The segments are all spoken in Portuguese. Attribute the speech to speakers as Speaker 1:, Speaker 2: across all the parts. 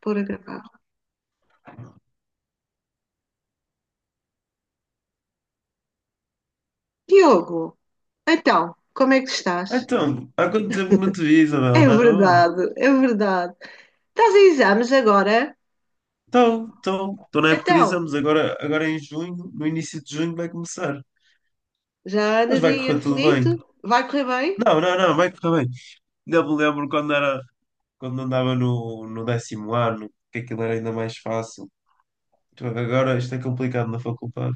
Speaker 1: Por a Diogo, então, como é que estás?
Speaker 2: Então, há quanto tempo não te vi, Isabel?
Speaker 1: É
Speaker 2: Estás boa?
Speaker 1: verdade, é verdade. Estás em exames agora?
Speaker 2: Então, estou na época de
Speaker 1: Então,
Speaker 2: exames, agora em junho, no início de junho vai começar.
Speaker 1: já
Speaker 2: Mas
Speaker 1: andas
Speaker 2: vai
Speaker 1: aí
Speaker 2: correr tudo bem.
Speaker 1: aflito? Vai correr bem?
Speaker 2: Não, não, não, vai correr bem. Ainda me lembro quando era, quando andava no décimo ano, que aquilo era ainda mais fácil. Tu vês, agora isto é complicado na faculdade.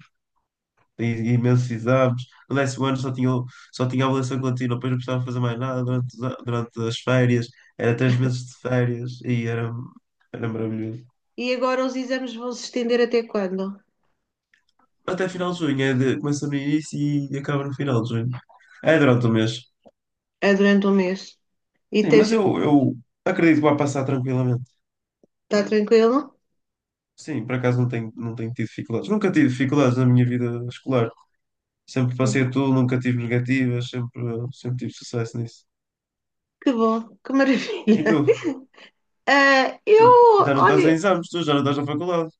Speaker 2: Tem imensos exames. No décimo ano só tinha avaliação contínua, depois não precisava fazer mais nada durante, durante as férias. Era três meses de férias e era, era maravilhoso.
Speaker 1: E agora os exames vão se estender até quando?
Speaker 2: Até final de junho, começa no início e acaba no final de junho. É durante o mês.
Speaker 1: É durante um mês. E
Speaker 2: Sim,
Speaker 1: tens...
Speaker 2: mas eu acredito que vai passar tranquilamente.
Speaker 1: está tranquilo?
Speaker 2: Sim, por acaso não tenho tido dificuldades. Nunca tive dificuldades na minha vida escolar. Sempre passei tudo, nunca tive negativas, sempre, sempre tive sucesso nisso.
Speaker 1: Que bom, que
Speaker 2: E tu?
Speaker 1: maravilha. Ah,
Speaker 2: E
Speaker 1: eu,
Speaker 2: já não estás em
Speaker 1: olha,
Speaker 2: exames, tu já não estás na faculdade.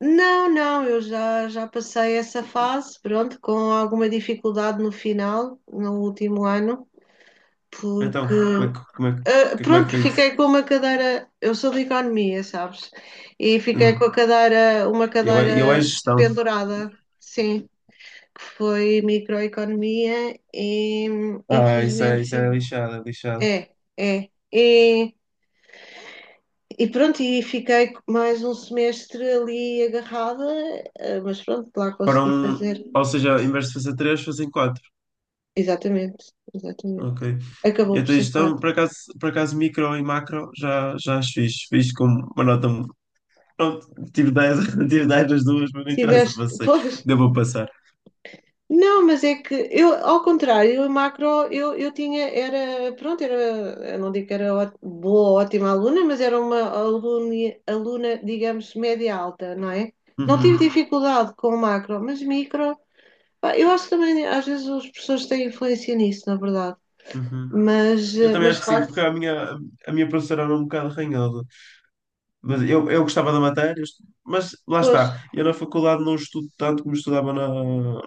Speaker 1: não, não, eu já passei essa fase, pronto, com alguma dificuldade no final, no último ano, porque
Speaker 2: Então, como é que, como é que,
Speaker 1: Ah,
Speaker 2: como é que
Speaker 1: pronto,
Speaker 2: foi isso?
Speaker 1: fiquei com uma cadeira. Eu sou de economia, sabes? E fiquei com a
Speaker 2: Hum.
Speaker 1: cadeira, uma
Speaker 2: Eu, eu é
Speaker 1: cadeira
Speaker 2: gestão.
Speaker 1: pendurada, sim, que foi microeconomia e
Speaker 2: Ah, isso
Speaker 1: infelizmente
Speaker 2: é lixado, é lixado.
Speaker 1: é, é. E fiquei mais um semestre ali agarrada, mas pronto, lá
Speaker 2: Para
Speaker 1: consegui
Speaker 2: um,
Speaker 1: fazer.
Speaker 2: ou seja, em vez de fazer três, fazem quatro.
Speaker 1: Exatamente, exatamente.
Speaker 2: Ok.
Speaker 1: Acabou por
Speaker 2: Então,
Speaker 1: ser
Speaker 2: isto, é um,
Speaker 1: parte.
Speaker 2: por acaso, micro e macro já as fiz. Fiz com uma nota. Pronto, tive 10, tive 10 das duas, mas não interessa,
Speaker 1: Tiveste,
Speaker 2: passei.
Speaker 1: pois,
Speaker 2: Devo passar.
Speaker 1: Não, mas é que eu, ao contrário, a macro eu tinha, era, pronto, era, eu não digo que era boa, ótima aluna, mas era uma aluna, aluna, digamos, média alta, não é? Não tive
Speaker 2: Uhum,
Speaker 1: dificuldade com o macro, mas micro, pá, eu acho que também, às vezes os professores têm influência nisso, na verdade,
Speaker 2: uhum.
Speaker 1: mas,
Speaker 2: Eu também
Speaker 1: mas de
Speaker 2: acho que sim,
Speaker 1: facto,
Speaker 2: porque a minha professora era um bocado arranhada. Mas eu gostava da matéria, mas lá
Speaker 1: pois,
Speaker 2: está. Eu na faculdade não estudo tanto como estudava na,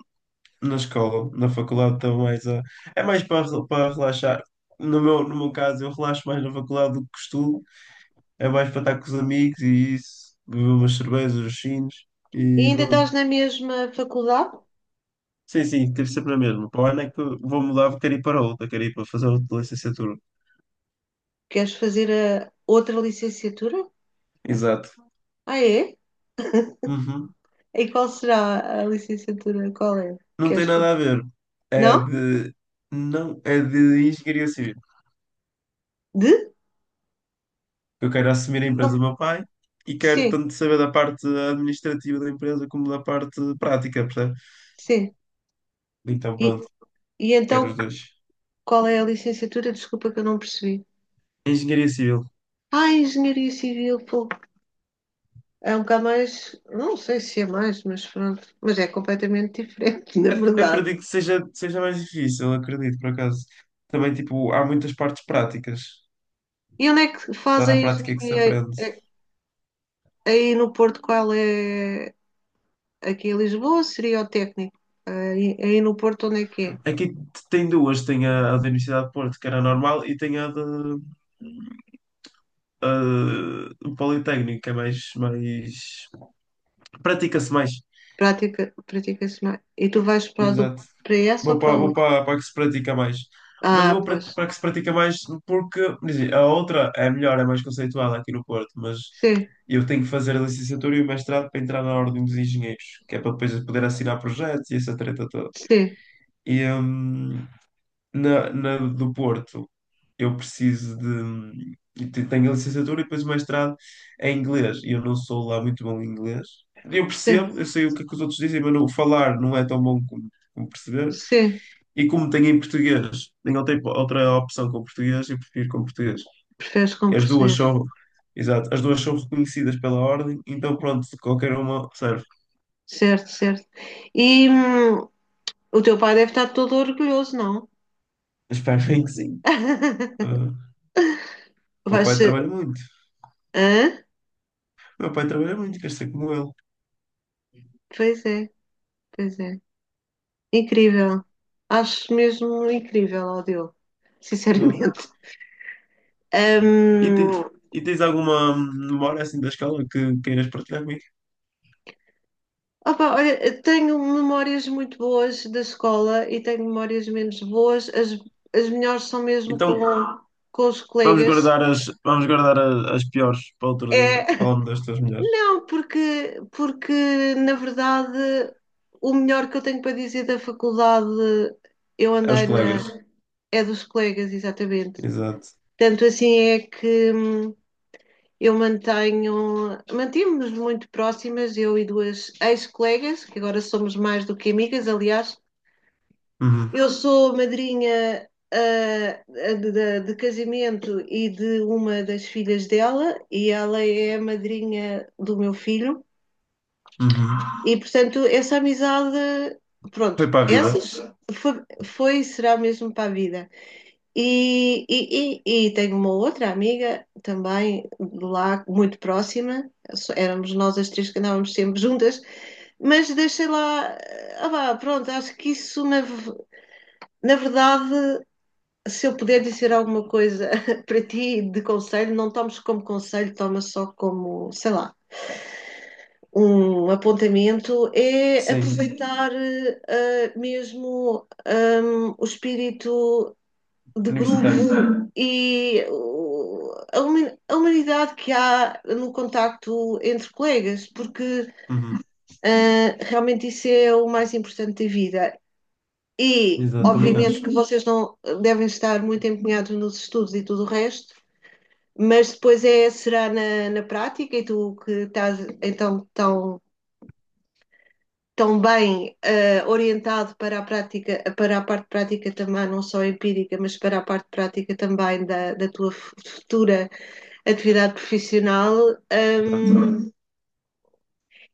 Speaker 2: na escola. Na faculdade estou é mais para, para relaxar. No meu caso, eu relaxo mais na faculdade do que estudo. É mais para estar com os amigos e isso, beber umas cervejas, os chinos
Speaker 1: e
Speaker 2: e
Speaker 1: ainda
Speaker 2: pronto.
Speaker 1: estás na mesma faculdade?
Speaker 2: Sim, sim, teve sempre a mesma. Para o ano é que eu vou mudar, quero ir para outra, quero ir para fazer outra licenciatura.
Speaker 1: Queres fazer a outra licenciatura?
Speaker 2: Exato.
Speaker 1: Ah, é?
Speaker 2: Uhum.
Speaker 1: E qual será a licenciatura? Qual é?
Speaker 2: Não tem
Speaker 1: Queres
Speaker 2: nada
Speaker 1: fazer?
Speaker 2: a ver. É
Speaker 1: Não?
Speaker 2: de. Não, é de engenharia civil.
Speaker 1: De?
Speaker 2: Eu quero assumir a empresa
Speaker 1: Não,
Speaker 2: do meu pai e quero
Speaker 1: sim,
Speaker 2: tanto saber da parte administrativa da empresa como da parte prática, percebe?
Speaker 1: sim.
Speaker 2: Então
Speaker 1: E,
Speaker 2: pronto,
Speaker 1: e
Speaker 2: quero
Speaker 1: então,
Speaker 2: os dois.
Speaker 1: qual é a licenciatura? Desculpa que eu não percebi.
Speaker 2: Engenharia civil.
Speaker 1: Ah, Engenharia Civil, pô, é um bocado mais, não sei se é mais, mas pronto, mas é completamente diferente, na verdade.
Speaker 2: Acredito que seja mais difícil, acredito, por acaso. Também, tipo, há muitas partes práticas.
Speaker 1: E onde é que faz
Speaker 2: Está
Speaker 1: a
Speaker 2: na prática que se
Speaker 1: engenharia
Speaker 2: aprende.
Speaker 1: Aí no Porto? Qual é? Aqui em Lisboa seria o técnico. Aí no Porto, onde é que é?
Speaker 2: Aqui tem duas, tem a da Universidade de Porto, que era normal, e tem a do Politécnico, que é mais, mais... Pratica-se mais.
Speaker 1: Prática, pratica-se mais. E tu vais para, a do,
Speaker 2: Exato.
Speaker 1: para essa ou
Speaker 2: Vou
Speaker 1: para a
Speaker 2: para, vou
Speaker 1: outra?
Speaker 2: para, para a que se pratica mais. Mas eu
Speaker 1: Ah,
Speaker 2: vou para,
Speaker 1: pois.
Speaker 2: para a que se pratica mais porque quer dizer, a outra é melhor, é mais conceitual aqui no Porto, mas
Speaker 1: Sim,
Speaker 2: eu tenho que fazer a licenciatura e o mestrado para entrar na Ordem dos Engenheiros, que é para depois eu poder assinar projetos e essa treta toda.
Speaker 1: sim,
Speaker 2: E na do Porto eu preciso de. Eu te- tenho a licenciatura e depois o mestrado é em inglês. E eu não sou lá muito bom em inglês. Eu
Speaker 1: sim,
Speaker 2: percebo, eu sei o que é que os outros dizem, mas não, falar não é tão bom como, como perceber.
Speaker 1: sim.
Speaker 2: E como tenho em português, outra opção com português e prefiro com português.
Speaker 1: Preferes como
Speaker 2: E
Speaker 1: português.
Speaker 2: exato, as duas são reconhecidas pela ordem, então pronto, qualquer uma serve.
Speaker 1: Certo, certo. E o teu pai deve estar todo orgulhoso, não?
Speaker 2: Espero bem que sim. Ah, meu
Speaker 1: Vai
Speaker 2: pai
Speaker 1: ser.
Speaker 2: trabalha muito.
Speaker 1: Hã?
Speaker 2: Meu pai trabalha muito, quer ser como ele.
Speaker 1: Pois é, pois é. Incrível. Acho mesmo incrível, ó Diogo,
Speaker 2: Ah,
Speaker 1: sinceramente.
Speaker 2: e, tens,
Speaker 1: Hum,
Speaker 2: e tens alguma memória assim da escola que queiras partilhar comigo?
Speaker 1: opa, olha, tenho memórias muito boas da escola e tenho memórias menos boas. As melhores são mesmo
Speaker 2: Então
Speaker 1: com os
Speaker 2: vamos
Speaker 1: colegas.
Speaker 2: guardar as, vamos guardar a- as, piores para outro dia.
Speaker 1: É,
Speaker 2: Falando das tuas melhores.
Speaker 1: Não, porque na verdade o melhor que eu tenho para dizer da faculdade eu
Speaker 2: Aos
Speaker 1: andei na
Speaker 2: colegas.
Speaker 1: é dos colegas, exatamente.
Speaker 2: Exato.
Speaker 1: Tanto assim é que eu mantenho, mantivemos muito próximas, eu e duas ex-colegas, que agora somos mais do que amigas, aliás.
Speaker 2: Uhum,
Speaker 1: Eu sou madrinha ah, de casamento e de uma das filhas dela, e ela é a madrinha do meu filho.
Speaker 2: uhum.
Speaker 1: E portanto, essa amizade, pronto,
Speaker 2: Foi para a vida.
Speaker 1: essas foi, foi será mesmo para a vida. E tenho uma outra amiga também de lá, muito próxima, éramos nós as três que andávamos sempre juntas, mas deixei lá, vá, pronto, acho que isso na, na verdade se eu puder dizer alguma coisa para ti de conselho, não tomes como conselho, tomas só como, sei lá, um apontamento é
Speaker 2: Sim.
Speaker 1: aproveitar mesmo o espírito de grupo
Speaker 2: Universitário.
Speaker 1: e a a humanidade que há no contacto entre colegas, porque
Speaker 2: Uhum,
Speaker 1: realmente isso é o mais importante da vida. E,
Speaker 2: exato, também
Speaker 1: obviamente,
Speaker 2: acho.
Speaker 1: que vocês não devem estar muito empenhados nos estudos e tudo o resto, mas depois é, será na, na prática, e tu que estás então tão também orientado para a prática, para a parte prática também, não só empírica, mas para a parte prática também da, da tua futura atividade profissional,
Speaker 2: Exato.
Speaker 1: ehm,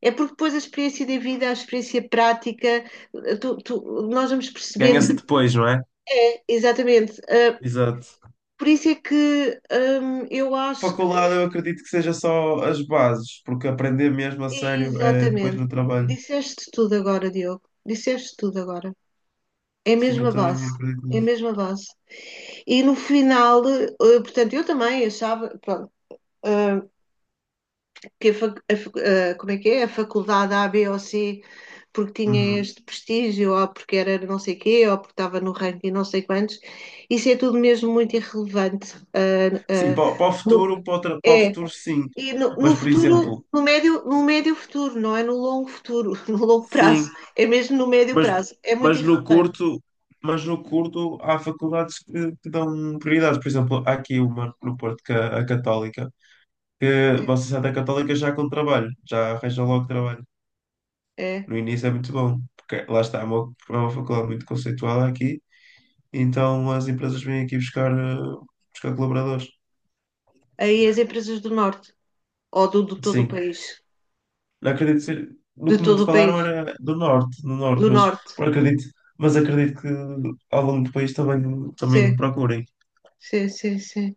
Speaker 1: é porque depois a experiência de vida, a experiência prática, eh, tu- tu- nós vamos
Speaker 2: Ganha-se
Speaker 1: percebendo,
Speaker 2: depois, não é?
Speaker 1: é, exatamente.
Speaker 2: Exato.
Speaker 1: Por isso é que eu acho
Speaker 2: Faculdade,
Speaker 1: que,
Speaker 2: eu acredito que seja só as bases, porque aprender mesmo a sério é depois
Speaker 1: exatamente,
Speaker 2: no trabalho.
Speaker 1: disseste tudo agora, Diogo, disseste tudo agora. É a
Speaker 2: Sim, eu
Speaker 1: mesma base,
Speaker 2: também acredito
Speaker 1: é a
Speaker 2: nisso.
Speaker 1: mesma base. E no final, portanto, eu também achava, pronto, eh, que a, a como é que é? A faculdade A, B ou C, porque tinha
Speaker 2: Uhum.
Speaker 1: este prestígio, ou porque era não sei quê, ou porque estava no ranking não sei quantos, isso é tudo mesmo muito irrelevante.
Speaker 2: Sim,
Speaker 1: Eh,
Speaker 2: para o
Speaker 1: no-
Speaker 2: futuro, para o
Speaker 1: é,
Speaker 2: futuro, sim.
Speaker 1: e no, no
Speaker 2: Mas, por
Speaker 1: futuro,
Speaker 2: exemplo,
Speaker 1: no médio, no médio futuro, não é no longo futuro, no longo prazo,
Speaker 2: sim,
Speaker 1: é mesmo no médio
Speaker 2: mas,
Speaker 1: prazo, é muito
Speaker 2: mas no
Speaker 1: irrelevante.
Speaker 2: curto, mas no curto há faculdades que dão prioridades. Por exemplo, há aqui uma no Porto, que é a Católica, que
Speaker 1: É,
Speaker 2: vocês saem da Católica já com trabalho, já arranjam logo trabalho.
Speaker 1: é.
Speaker 2: No início é muito bom, porque lá está, é uma faculdade muito conceitual aqui, então as empresas vêm aqui buscar, buscar colaboradores.
Speaker 1: Aí as empresas do norte, ou do, do todo o
Speaker 2: Sim,
Speaker 1: país.
Speaker 2: não acredito ser. No
Speaker 1: De
Speaker 2: que me
Speaker 1: todo o
Speaker 2: falaram
Speaker 1: país,
Speaker 2: era do norte, no norte,
Speaker 1: do
Speaker 2: mas
Speaker 1: norte.
Speaker 2: por acredito, mas acredito que ao longo do país também,
Speaker 1: Sim,
Speaker 2: também procurem.
Speaker 1: sim, sim, sim.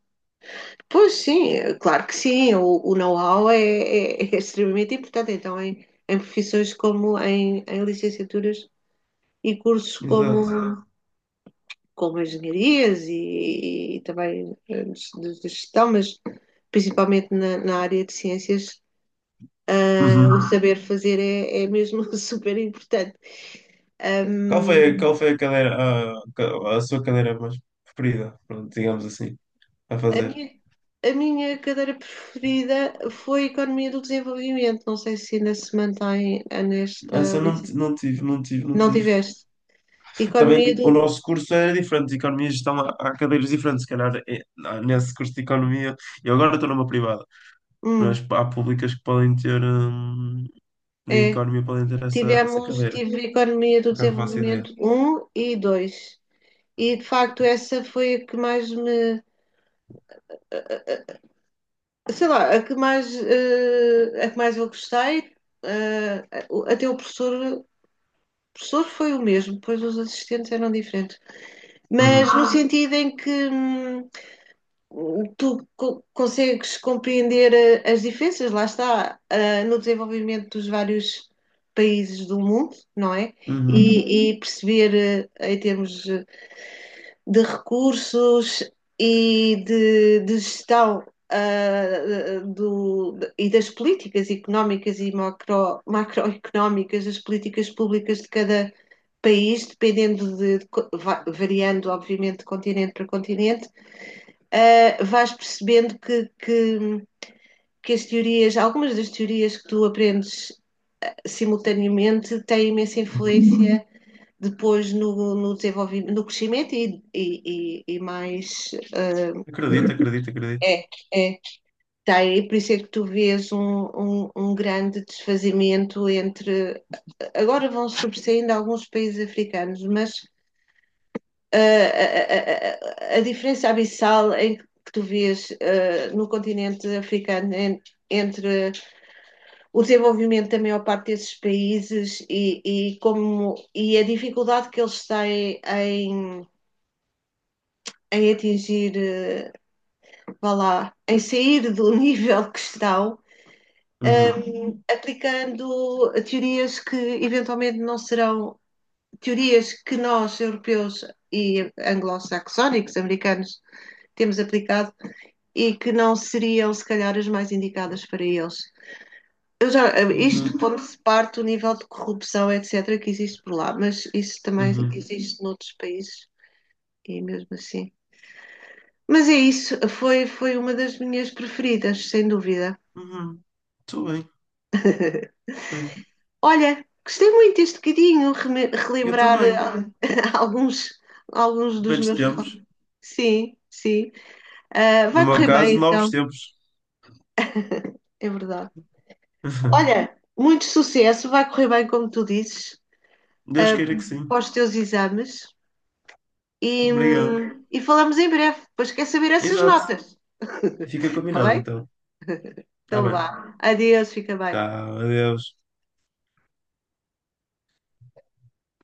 Speaker 1: Pois sim, é claro que sim, o know-how é, é extremamente importante, então em, em profissões como em, em licenciaturas e cursos
Speaker 2: Exato.
Speaker 1: como, como engenharias e também de gestão, mas principalmente na, na área de ciências, o
Speaker 2: Uhum.
Speaker 1: saber fazer é, é mesmo super importante.
Speaker 2: Qual foi a cadeira, a sua cadeira mais preferida, pronto, digamos assim, a
Speaker 1: A
Speaker 2: fazer?
Speaker 1: minha, a minha cadeira preferida foi Economia do Desenvolvimento. Não sei se ainda se mantém nesta
Speaker 2: Essa eu
Speaker 1: lista.
Speaker 2: não tive, não tive, não
Speaker 1: Não
Speaker 2: tive.
Speaker 1: tiveste. Economia
Speaker 2: Também o
Speaker 1: do.
Speaker 2: nosso curso era diferente, de economia e gestão há cadeiras diferentes, se calhar nesse curso de economia, eu agora estou numa privada,
Speaker 1: Hum,
Speaker 2: mas há públicas que podem ter, em
Speaker 1: é.
Speaker 2: economia podem ter essa
Speaker 1: Tivemos,
Speaker 2: cadeira,
Speaker 1: tive Economia do
Speaker 2: por acaso faço ideia.
Speaker 1: Desenvolvimento um e 2 E de facto essa foi a que mais me. Sei lá, a que mais, a que mais eu gostei. Eh, até o professor. O professor foi o mesmo, pois os assistentes eram diferentes. Mas
Speaker 2: Uhum.
Speaker 1: no sentido em que. Consegues compreender as diferenças, lá está, no desenvolvimento dos vários países do mundo, não é? Uhum.
Speaker 2: Uhum.
Speaker 1: E perceber, em termos de recursos e de gestão, e das políticas económicas e macro, macroeconómicas, das políticas públicas de cada país, dependendo de, variando, obviamente, de continente para continente vais percebendo que as teorias, algumas das teorias que tu aprendes simultaneamente têm imensa
Speaker 2: Uhum.
Speaker 1: influência depois no, no desenvolvimento, no crescimento e, mais
Speaker 2: Acredito, acredito, acredito.
Speaker 1: é, é. Tem, por isso é que tu vês um grande desfazimento entre agora vão sobressaindo alguns países africanos, mas a diferença abissal em que tu vês no continente africano entre o desenvolvimento da maior parte desses países e, como, e a dificuldade que eles têm em atingir, vá lá, em sair do nível que estão,
Speaker 2: Uhum.
Speaker 1: uh, aplicando teorias que eventualmente não serão teorias que nós, europeus e anglo-saxónicos, americanos, temos aplicado e que não seriam, se calhar, as mais indicadas para eles. Eu já, isto
Speaker 2: Exato.
Speaker 1: pondo-se parte do nível de corrupção, etc., que existe por lá, mas isso também
Speaker 2: Uhum.
Speaker 1: existe noutros países e mesmo assim. Mas é isso, foi, foi uma das minhas preferidas, sem dúvida.
Speaker 2: Uhum. Estou bem, estou bem.
Speaker 1: Olha, gostei muito deste bocadinho,
Speaker 2: Eu
Speaker 1: relembrar
Speaker 2: também.
Speaker 1: alguns, alguns dos
Speaker 2: Velhos
Speaker 1: meus.
Speaker 2: tempos.
Speaker 1: Sim, sim. Ah,
Speaker 2: No
Speaker 1: vai
Speaker 2: meu
Speaker 1: correr bem,
Speaker 2: caso, novos
Speaker 1: então,
Speaker 2: tempos.
Speaker 1: é verdade. Olha, muito sucesso, vai correr bem, como tu dizes.
Speaker 2: Deus
Speaker 1: Ah,
Speaker 2: queira que sim.
Speaker 1: aos teus exames e,
Speaker 2: Obrigado.
Speaker 1: e falamos em breve. Depois quer saber essas
Speaker 2: Exato.
Speaker 1: notas.
Speaker 2: Fica
Speaker 1: Está
Speaker 2: combinado
Speaker 1: bem?
Speaker 2: então. Tá
Speaker 1: Então
Speaker 2: bem.
Speaker 1: vá. Adeus, fica bem.
Speaker 2: Tchau, adeus.